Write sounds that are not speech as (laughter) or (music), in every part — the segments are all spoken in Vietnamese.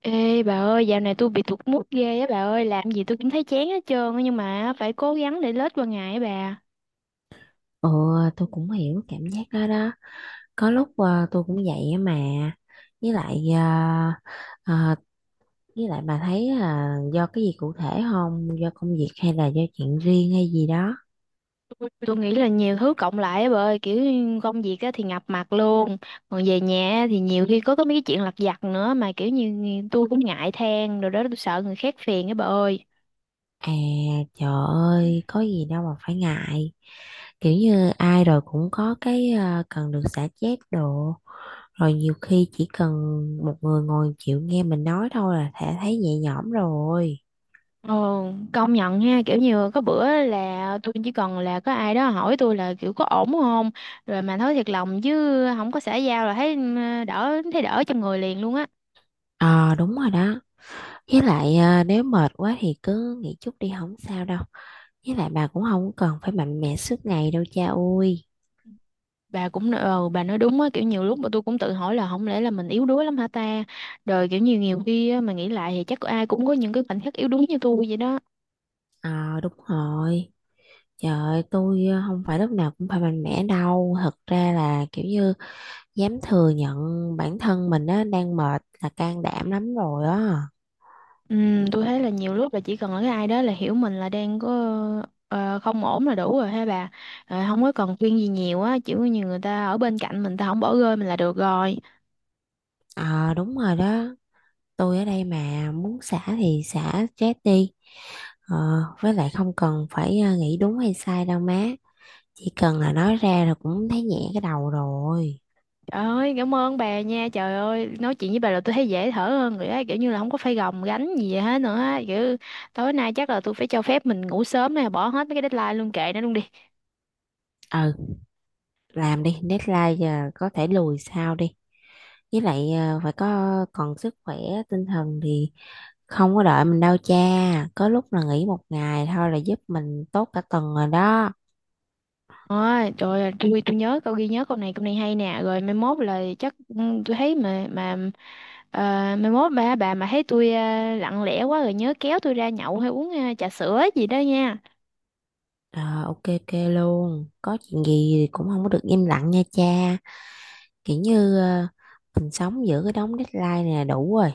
Ê bà ơi, dạo này tôi bị tụt mood ghê á bà ơi, làm gì tôi cũng thấy chán hết trơn á nhưng mà phải cố gắng để lết qua ngày á bà. Ừ, tôi cũng hiểu cảm giác đó đó. Có lúc tôi cũng vậy á mà. Với lại ờ, ờ, với lại bà thấy là do cái gì cụ thể không? Do công việc hay là do chuyện riêng hay gì đó? Tôi nghĩ là nhiều thứ cộng lại á bà ơi, kiểu như công việc á thì ngập mặt luôn, còn về nhà á thì nhiều khi có mấy cái chuyện lặt vặt nữa mà kiểu như tôi cũng ngại than rồi đó tôi sợ người khác phiền á bà ơi. À Trời ơi, có gì đâu mà phải ngại. Kiểu như ai rồi cũng có cái cần được xả stress đồ. Rồi nhiều khi chỉ cần một người ngồi chịu nghe mình nói thôi là thể thấy nhẹ nhõm rồi. Ồ, công nhận nha, kiểu như có bữa là tôi chỉ cần là có ai đó hỏi tôi là kiểu có ổn không, rồi mà nói thiệt lòng chứ không có xã giao là thấy đỡ thấy đỡ trong người liền luôn á. Ờ đúng rồi đó. Với lại nếu mệt quá thì cứ nghỉ chút đi không sao đâu. Với lại bà cũng không cần phải mạnh mẽ suốt ngày đâu cha ơi. Bà cũng bà nói đúng á kiểu nhiều lúc mà tôi cũng tự hỏi là không lẽ là mình yếu đuối lắm hả ta, rồi kiểu nhiều nhiều khi á, mà nghĩ lại thì chắc ai cũng có những cái khoảnh khắc yếu đuối như tôi vậy đó. Ờ đúng rồi. Trời ơi, tôi không phải lúc nào cũng phải mạnh mẽ đâu. Thật ra là kiểu như dám thừa nhận bản thân mình á, đang mệt là can đảm lắm rồi á. Tôi thấy là nhiều lúc là chỉ cần là cái ai đó là hiểu mình là đang có không ổn là đủ rồi ha bà. Ờ, không có cần khuyên gì nhiều á, chỉ có như người ta ở bên cạnh mình ta không bỏ rơi mình là được rồi. Ờ đúng rồi đó. Tôi ở đây mà muốn xả thì xả stress đi. Ờ, với lại không cần phải nghĩ đúng hay sai đâu má. Chỉ cần là nói ra là cũng thấy nhẹ cái đầu rồi. Trời ơi, cảm ơn bà nha. Trời ơi, nói chuyện với bà là tôi thấy dễ thở hơn rồi á, kiểu như là không có phải gồng gánh gì vậy hết nữa á. Kiểu tối nay chắc là tôi phải cho phép mình ngủ sớm nè, bỏ hết mấy cái deadline luôn kệ nó luôn đi. Ừ, làm đi, deadline giờ có thể lùi sau đi. Với lại phải có còn sức khỏe tinh thần thì không có đợi mình đâu cha. Có lúc là nghỉ một ngày thôi là giúp mình tốt cả tuần rồi đó. Ôi, trời ơi, tôi (laughs) tôi nhớ câu ghi nhớ câu này hay nè, rồi mai mốt là chắc tôi thấy mà ờ, mai mốt bà mà thấy tôi lặng lẽ quá rồi nhớ kéo tôi ra nhậu hay uống trà sữa gì đó nha. Ờ, ok ok luôn, có chuyện gì thì cũng không có được im lặng nha cha. Kiểu như mình sống giữa cái đống deadline này là đủ rồi,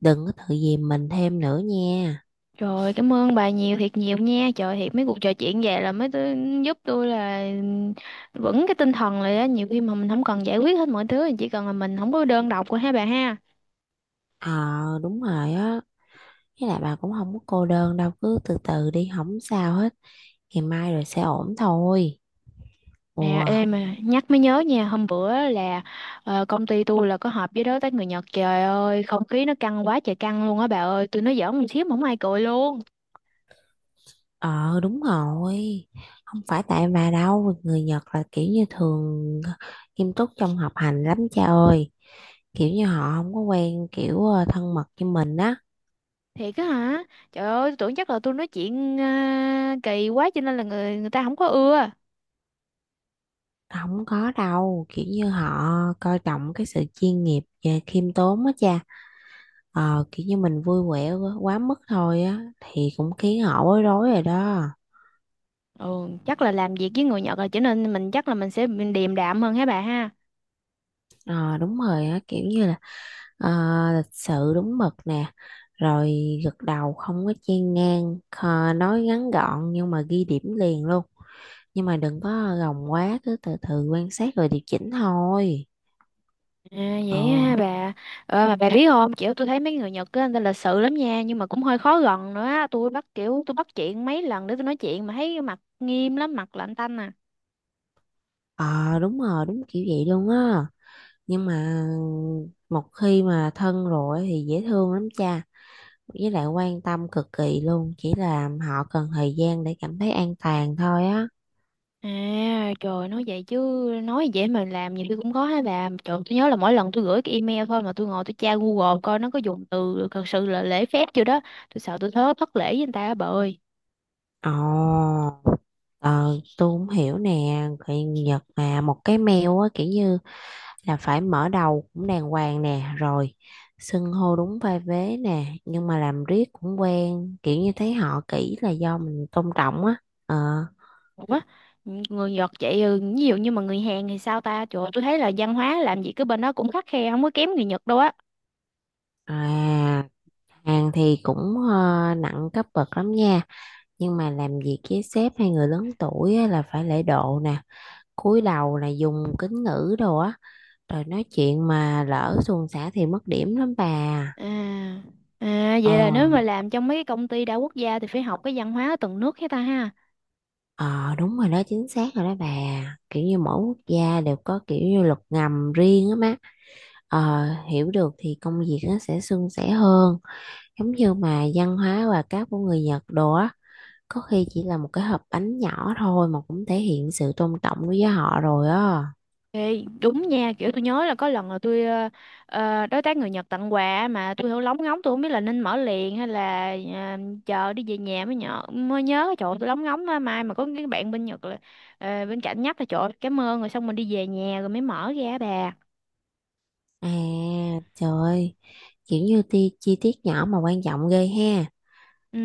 đừng có tự dìm mình thêm nữa nha. Trời ơi, cảm ơn bà nhiều thiệt nhiều nha. Trời thiệt mấy cuộc trò chuyện vậy là mới tôi, giúp tôi là vững cái tinh thần lại á. Nhiều khi mà mình không cần giải quyết hết mọi thứ, chỉ cần là mình không có đơn độc của hai bà ha. Ờ đúng rồi á. Với lại bà cũng không có cô đơn đâu, cứ từ từ đi, không sao hết. Ngày mai rồi sẽ ổn thôi. Nè, Ủa, em mà nhắc mới nhớ nha, hôm bữa là công ty tôi là có họp với đối tác người Nhật. Trời ơi, không khí nó căng quá trời căng luôn á bà ơi. Tôi nói giỡn một xíu mà không ai cười luôn. ờ đúng rồi. Không phải tại bà đâu, người Nhật là kiểu như thường nghiêm túc trong học hành lắm cha ơi. Kiểu như họ không có quen kiểu thân mật như mình á. Thiệt á hả? Trời ơi, tôi tưởng chắc là tôi nói chuyện kỳ quá cho nên là người người ta không có ưa. Không có đâu, kiểu như họ coi trọng cái sự chuyên nghiệp và khiêm tốn á cha. Ờ, kiểu như mình vui vẻ quá quá mức thôi á, thì cũng khiến họ bối rối rồi đó. Ừ, chắc là làm việc với người Nhật rồi cho nên mình chắc là mình sẽ bị điềm đạm hơn hả bà ha. Ờ đúng rồi á, kiểu như là ờ, lịch sự đúng mực nè, rồi gật đầu không có chen ngang. Ờ, nói ngắn gọn nhưng mà ghi điểm liền luôn, nhưng mà đừng có gồng quá, cứ từ từ quan sát rồi điều chỉnh thôi. À, ờ vậy ha bà. Ờ, mà bà biết không, kiểu tôi thấy mấy người Nhật á, người ta lịch sự lắm nha, nhưng mà cũng hơi khó gần nữa á. Tôi bắt chuyện mấy lần để tôi nói chuyện mà thấy mặt nghiêm lắm, mặt lạnh tanh à. ờ đúng rồi, đúng kiểu vậy luôn á, nhưng mà một khi mà thân rồi thì dễ thương lắm cha, với lại quan tâm cực kỳ luôn, chỉ là họ cần thời gian để cảm thấy an toàn thôi á. À, trời nói vậy chứ nói vậy mà làm nhiều khi cũng khó hả bà. Trời, tôi nhớ là mỗi lần tôi gửi cái email thôi mà tôi ngồi tôi tra Google coi nó có dùng từ thật sự là lễ phép chưa đó. Tôi sợ tôi thớ thất lễ với người ta á bà ơi. Ồ, ờ, tôi cũng hiểu nè, người Nhật mà một cái mail á kiểu như là phải mở đầu cũng đàng hoàng nè, rồi xưng hô đúng vai vế nè, nhưng mà làm riết cũng quen, kiểu như thấy họ kỹ là do mình tôn trọng á. Ờ, Ủa, người Nhật vậy ví dụ như mà người Hàn thì sao ta? Trời ơi, tôi thấy là văn hóa làm gì cứ bên đó cũng khắt khe không có kém người Nhật đâu á. à, Hàn thì cũng nặng cấp bậc lắm nha, nhưng mà làm việc với sếp hay người lớn tuổi á, là phải lễ độ nè, cúi đầu nè, dùng kính ngữ đồ á, rồi nói chuyện mà lỡ suồng sã thì mất điểm lắm bà. À, à Ờ. vậy là nếu mà làm trong mấy cái công ty đa quốc gia thì phải học cái văn hóa ở từng nước hết ta ha. Ờ đúng rồi đó, chính xác rồi đó bà, kiểu như mỗi quốc gia đều có kiểu như luật ngầm riêng á má. Ờ, hiểu được thì công việc nó sẽ suôn sẻ hơn, giống như mà văn hóa và các của người Nhật đồ á, có khi chỉ là một cái hộp bánh nhỏ thôi mà cũng thể hiện sự tôn trọng đối với họ rồi á. Ê, đúng nha, kiểu tôi nhớ là có lần là tôi đối tác người Nhật tặng quà á, mà tôi không biết là nên mở liền hay là chờ đi về nhà mới nhớ trời ơi, tôi lóng ngóng á, mai mà có cái bạn bên Nhật là bên cạnh nhắc là trời ơi, cảm ơn rồi xong mình đi về nhà rồi mới mở ra bà. À trời ơi, kiểu như chi tiết nhỏ mà quan trọng ghê ha.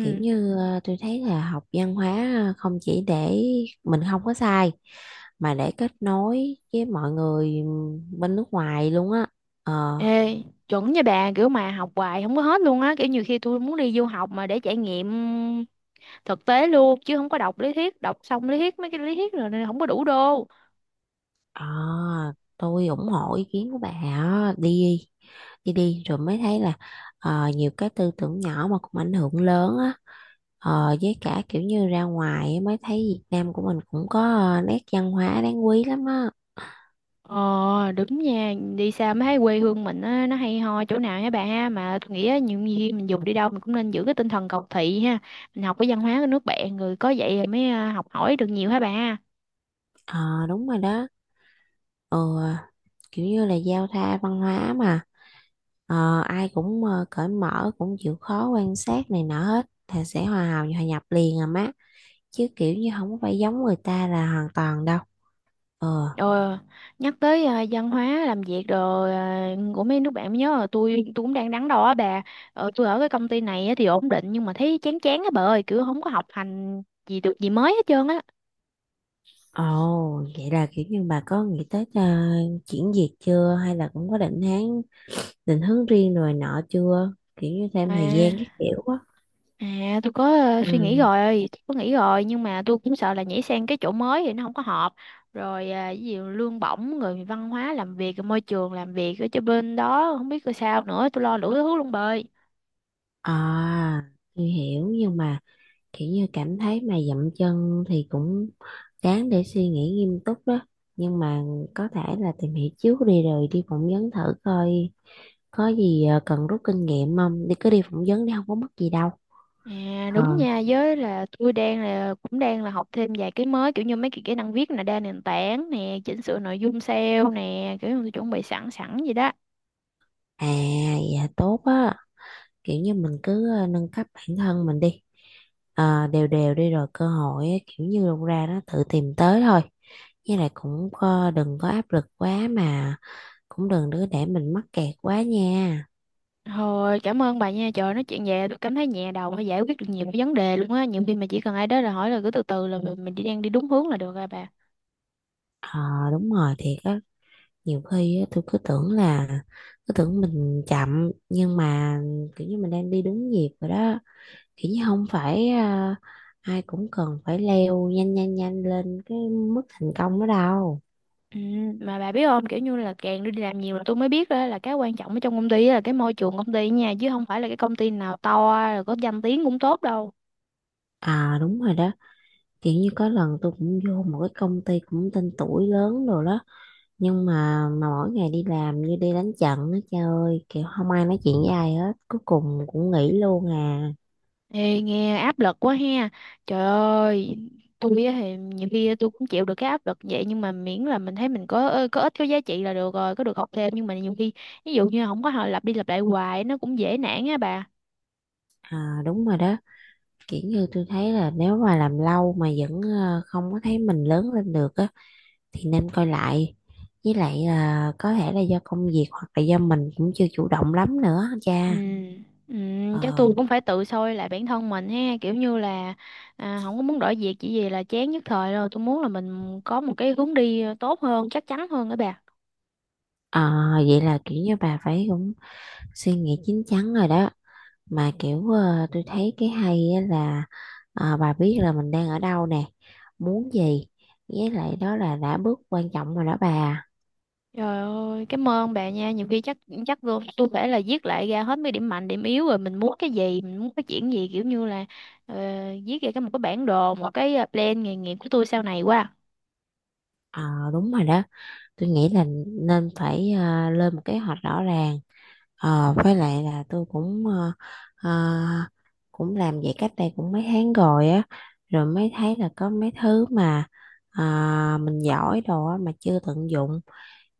Kiểu như tôi thấy là học văn hóa không chỉ để mình không có sai mà để kết nối với mọi người bên nước ngoài luôn á. ờ Ê, chuẩn nha bà, kiểu mà học hoài không có hết luôn á, kiểu nhiều khi tôi muốn đi du học mà để trải nghiệm thực tế luôn chứ không có đọc lý thuyết, đọc xong lý thuyết mấy cái lý thuyết rồi nên không có đủ đô. À, tôi ủng hộ ý kiến của bà á. Đi đi đi rồi mới thấy là nhiều cái tư tưởng nhỏ mà cũng ảnh hưởng lớn á. Ờ, với cả kiểu như ra ngoài á, mới thấy Việt Nam của mình cũng có nét văn hóa đáng quý lắm á. Ờ đúng nha, đi xa mới thấy quê hương mình á, nó hay ho chỗ nào hả bà ha, mà tôi nghĩ á, nhiều khi mình dù đi đâu mình cũng nên giữ cái tinh thần cầu thị ha, mình học cái văn hóa của nước bạn rồi có vậy rồi mới học hỏi được nhiều hả bà. Ờ đúng rồi đó. Ừ, kiểu như là giao thoa văn hóa mà. Ờ, ai cũng cởi mở, cũng chịu khó quan sát này nọ hết thì sẽ hòa nhập liền à má, chứ kiểu như không có phải giống người ta là hoàn toàn đâu. ờ Ờ, nhắc tới văn hóa làm việc rồi của mấy nước bạn mới nhớ là tôi cũng đang đắn đo á bà. Tôi ở cái công ty này á thì ổn định nhưng mà thấy chán chán á bà ơi, kiểu không có học hành gì được gì mới hết trơn á. Ồ, vậy là kiểu như bà có nghĩ tới chuyển việc chưa, hay là cũng có định hướng riêng rồi nọ chưa, kiểu như à thêm thời gian các kiểu á? Tôi có suy nghĩ ừ rồi chắc có nghĩ rồi nhưng mà tôi cũng sợ là nhảy sang cái chỗ mới thì nó không có hợp rồi ví dụ lương bổng người văn hóa làm việc môi trường làm việc ở cho bên đó không biết coi sao nữa, tôi lo đủ thứ luôn bà ơi. à tôi hiểu, nhưng mà kiểu như cảm thấy mà dậm chân thì cũng đáng để suy nghĩ nghiêm túc đó, nhưng mà có thể là tìm hiểu trước đi, rồi đi phỏng vấn thử coi có gì cần rút kinh nghiệm không, đi cứ đi phỏng vấn đi không có mất gì đâu. À ờ đúng nha, với là tôi đang là cũng đang là học thêm vài cái mới kiểu như mấy cái kỹ năng viết nè, đa nền tảng nè, chỉnh sửa nội dung SEO nè, kiểu như tôi chuẩn bị sẵn sẵn vậy đó. à dạ tốt á, kiểu như mình cứ nâng cấp bản thân mình đi. Ờ, đều đều đi rồi cơ hội á, kiểu như đâu ra nó tự tìm tới thôi. Với lại cũng có, đừng có áp lực quá mà cũng đừng đứa để mình mắc kẹt quá nha. Thôi cảm ơn bà nha, trời nói chuyện về tôi cảm thấy nhẹ đầu và giải quyết được nhiều cái vấn đề luôn á, nhiều khi mà chỉ cần ai đó là hỏi là cứ từ từ là mình đi đang đi đúng hướng là được rồi bà. Ờ đúng rồi, thiệt á. Nhiều khi á, tôi cứ tưởng mình chậm, nhưng mà kiểu như mình đang đi đúng nhịp rồi đó, kiểu như không phải ai cũng cần phải leo nhanh nhanh nhanh lên cái mức thành công đó đâu. Ừ, mà bà biết không kiểu như là càng đi làm nhiều là tôi mới biết đó là cái quan trọng ở trong công ty á là cái môi trường công ty nha, chứ không phải là cái công ty nào to rồi có danh tiếng cũng tốt đâu. À đúng rồi đó, kiểu như có lần tôi cũng vô một cái công ty cũng tên tuổi lớn rồi đó, nhưng mà mỗi ngày đi làm như đi đánh trận á, trời ơi, kiểu không ai nói chuyện với ai hết, cuối cùng cũng nghỉ luôn à. Ê, nghe áp lực quá ha. Trời ơi, tôi á thì nhiều khi tôi cũng chịu được cái áp lực vậy nhưng mà miễn là mình thấy mình có có ích có giá trị là được rồi, có được học thêm, nhưng mà nhiều khi ví dụ như không có họ lặp đi lặp lại hoài nó cũng dễ nản á bà. À đúng rồi đó, kiểu như tôi thấy là nếu mà làm lâu mà vẫn không có thấy mình lớn lên được á thì nên coi lại, với lại là có thể là do công việc hoặc là do mình cũng chưa chủ động lắm nữa Ừ, cha. ừ, chắc ờ tôi cũng phải tự soi lại bản thân mình ha, kiểu như là không có muốn đổi việc chỉ vì là chán nhất thời rồi, tôi muốn là mình có một cái hướng đi tốt hơn, chắc chắn hơn đó bà. Ờ, vậy là kiểu như bà phải cũng suy nghĩ chín chắn rồi đó. Mà kiểu tôi thấy cái hay á là bà biết là mình đang ở đâu nè, muốn gì, với lại đó là đã bước quan trọng rồi đó bà. Trời ơi, cảm ơn bà nha. Nhiều khi chắc chắc tôi phải là viết lại ra hết mấy điểm mạnh, điểm yếu rồi mình muốn cái gì, mình muốn phát triển gì kiểu như là ờ, viết ra cái một cái bản đồ, một cái plan nghề nghiệp của tôi sau này quá. Ờ đúng rồi đó, tôi nghĩ là nên phải lên một kế hoạch rõ ràng. Ờ, với lại là tôi cũng ờ, cũng làm vậy cách đây cũng mấy tháng rồi á, rồi mới thấy là có mấy thứ mà ờ, mình giỏi đồ á mà chưa tận dụng,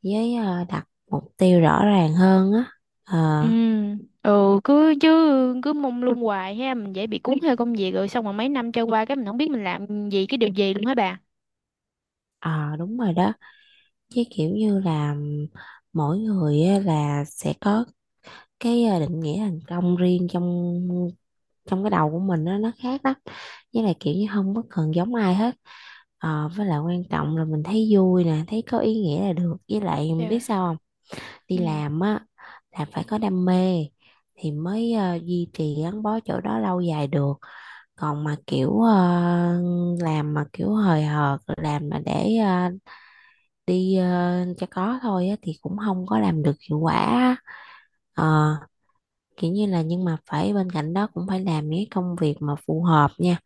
với đặt mục tiêu rõ ràng hơn á. ờ Ừ, ừ cứ chứ cứ mông lung hoài ha, mình dễ bị cuốn theo công việc rồi xong rồi mấy năm trôi qua cái mình không biết mình làm gì cái điều gì luôn hả bà. ờ, đúng rồi đó, chứ kiểu như là mỗi người á, là sẽ có cái định nghĩa thành công riêng trong trong cái đầu của mình á, nó khác lắm, với lại kiểu như không có cần giống ai hết. Ờ, với lại quan trọng là mình thấy vui nè, thấy có ý nghĩa là được. Với lại biết Dạ. sao không? Đi Ừ. làm á là phải có đam mê thì mới duy trì gắn bó chỗ đó lâu dài được. Còn mà kiểu làm mà kiểu hời hợt, làm mà để cho có thôi á thì cũng không có làm được hiệu quả á. Ờ, kiểu như là nhưng mà phải bên cạnh đó cũng phải làm những cái công việc mà phù hợp nha,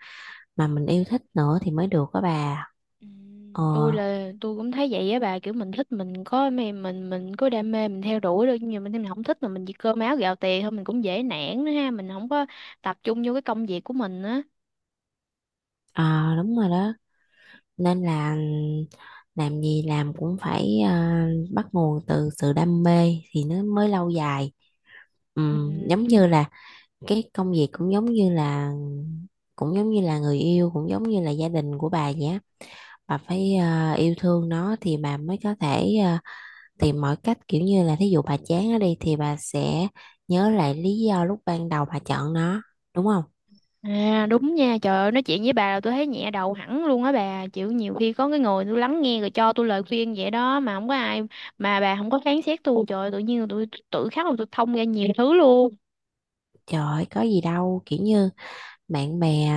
mà mình yêu thích nữa thì mới được đó bà. Ừ, Ờ, tôi là tôi cũng thấy vậy á bà, kiểu mình thích mình có mê mình có đam mê mình theo đuổi được, nhưng mà mình không thích mà mình chỉ cơm áo gạo tiền thôi mình cũng dễ nản nữa ha, mình không có tập trung vô cái công việc của mình á. à, đúng rồi đó. Nên là làm gì làm cũng phải bắt nguồn từ sự đam mê thì nó mới lâu dài. Ừ. Giống như là cái công việc cũng giống như là người yêu, cũng giống như là gia đình của bà vậy á, bà phải yêu thương nó thì bà mới có thể tìm mọi cách, kiểu như là thí dụ bà chán nó đi thì bà sẽ nhớ lại lý do lúc ban đầu bà chọn nó, đúng không? À đúng nha, trời ơi nói chuyện với bà là tôi thấy nhẹ đầu hẳn luôn á bà, chịu nhiều khi có cái người tôi lắng nghe rồi cho tôi lời khuyên vậy đó mà không có ai, mà bà không có phán xét tôi, trời ơi, tự nhiên tôi tự khắc là tôi thông ra nhiều thứ luôn. Trời ơi, có gì đâu, kiểu như bạn bè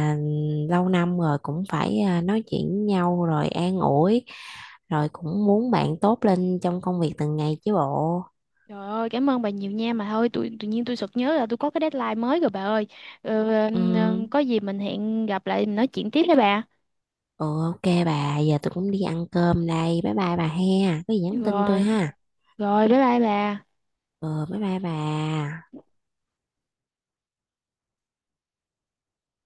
lâu năm rồi cũng phải nói chuyện với nhau rồi an ủi, rồi cũng muốn bạn tốt lên trong công việc từng ngày chứ bộ. Trời ơi, cảm ơn bà nhiều nha, mà thôi tự nhiên tôi sực nhớ là tôi có cái deadline mới rồi bà ơi. Ờ, ừ có gì mình hẹn gặp lại mình nói chuyện tiếp với bà. ừ, ok bà, giờ tôi cũng đi ăn cơm đây, bye bye bà he, có gì nhắn tin tôi Rồi, ha. rồi bye bye bà. Ừ bye bye bà.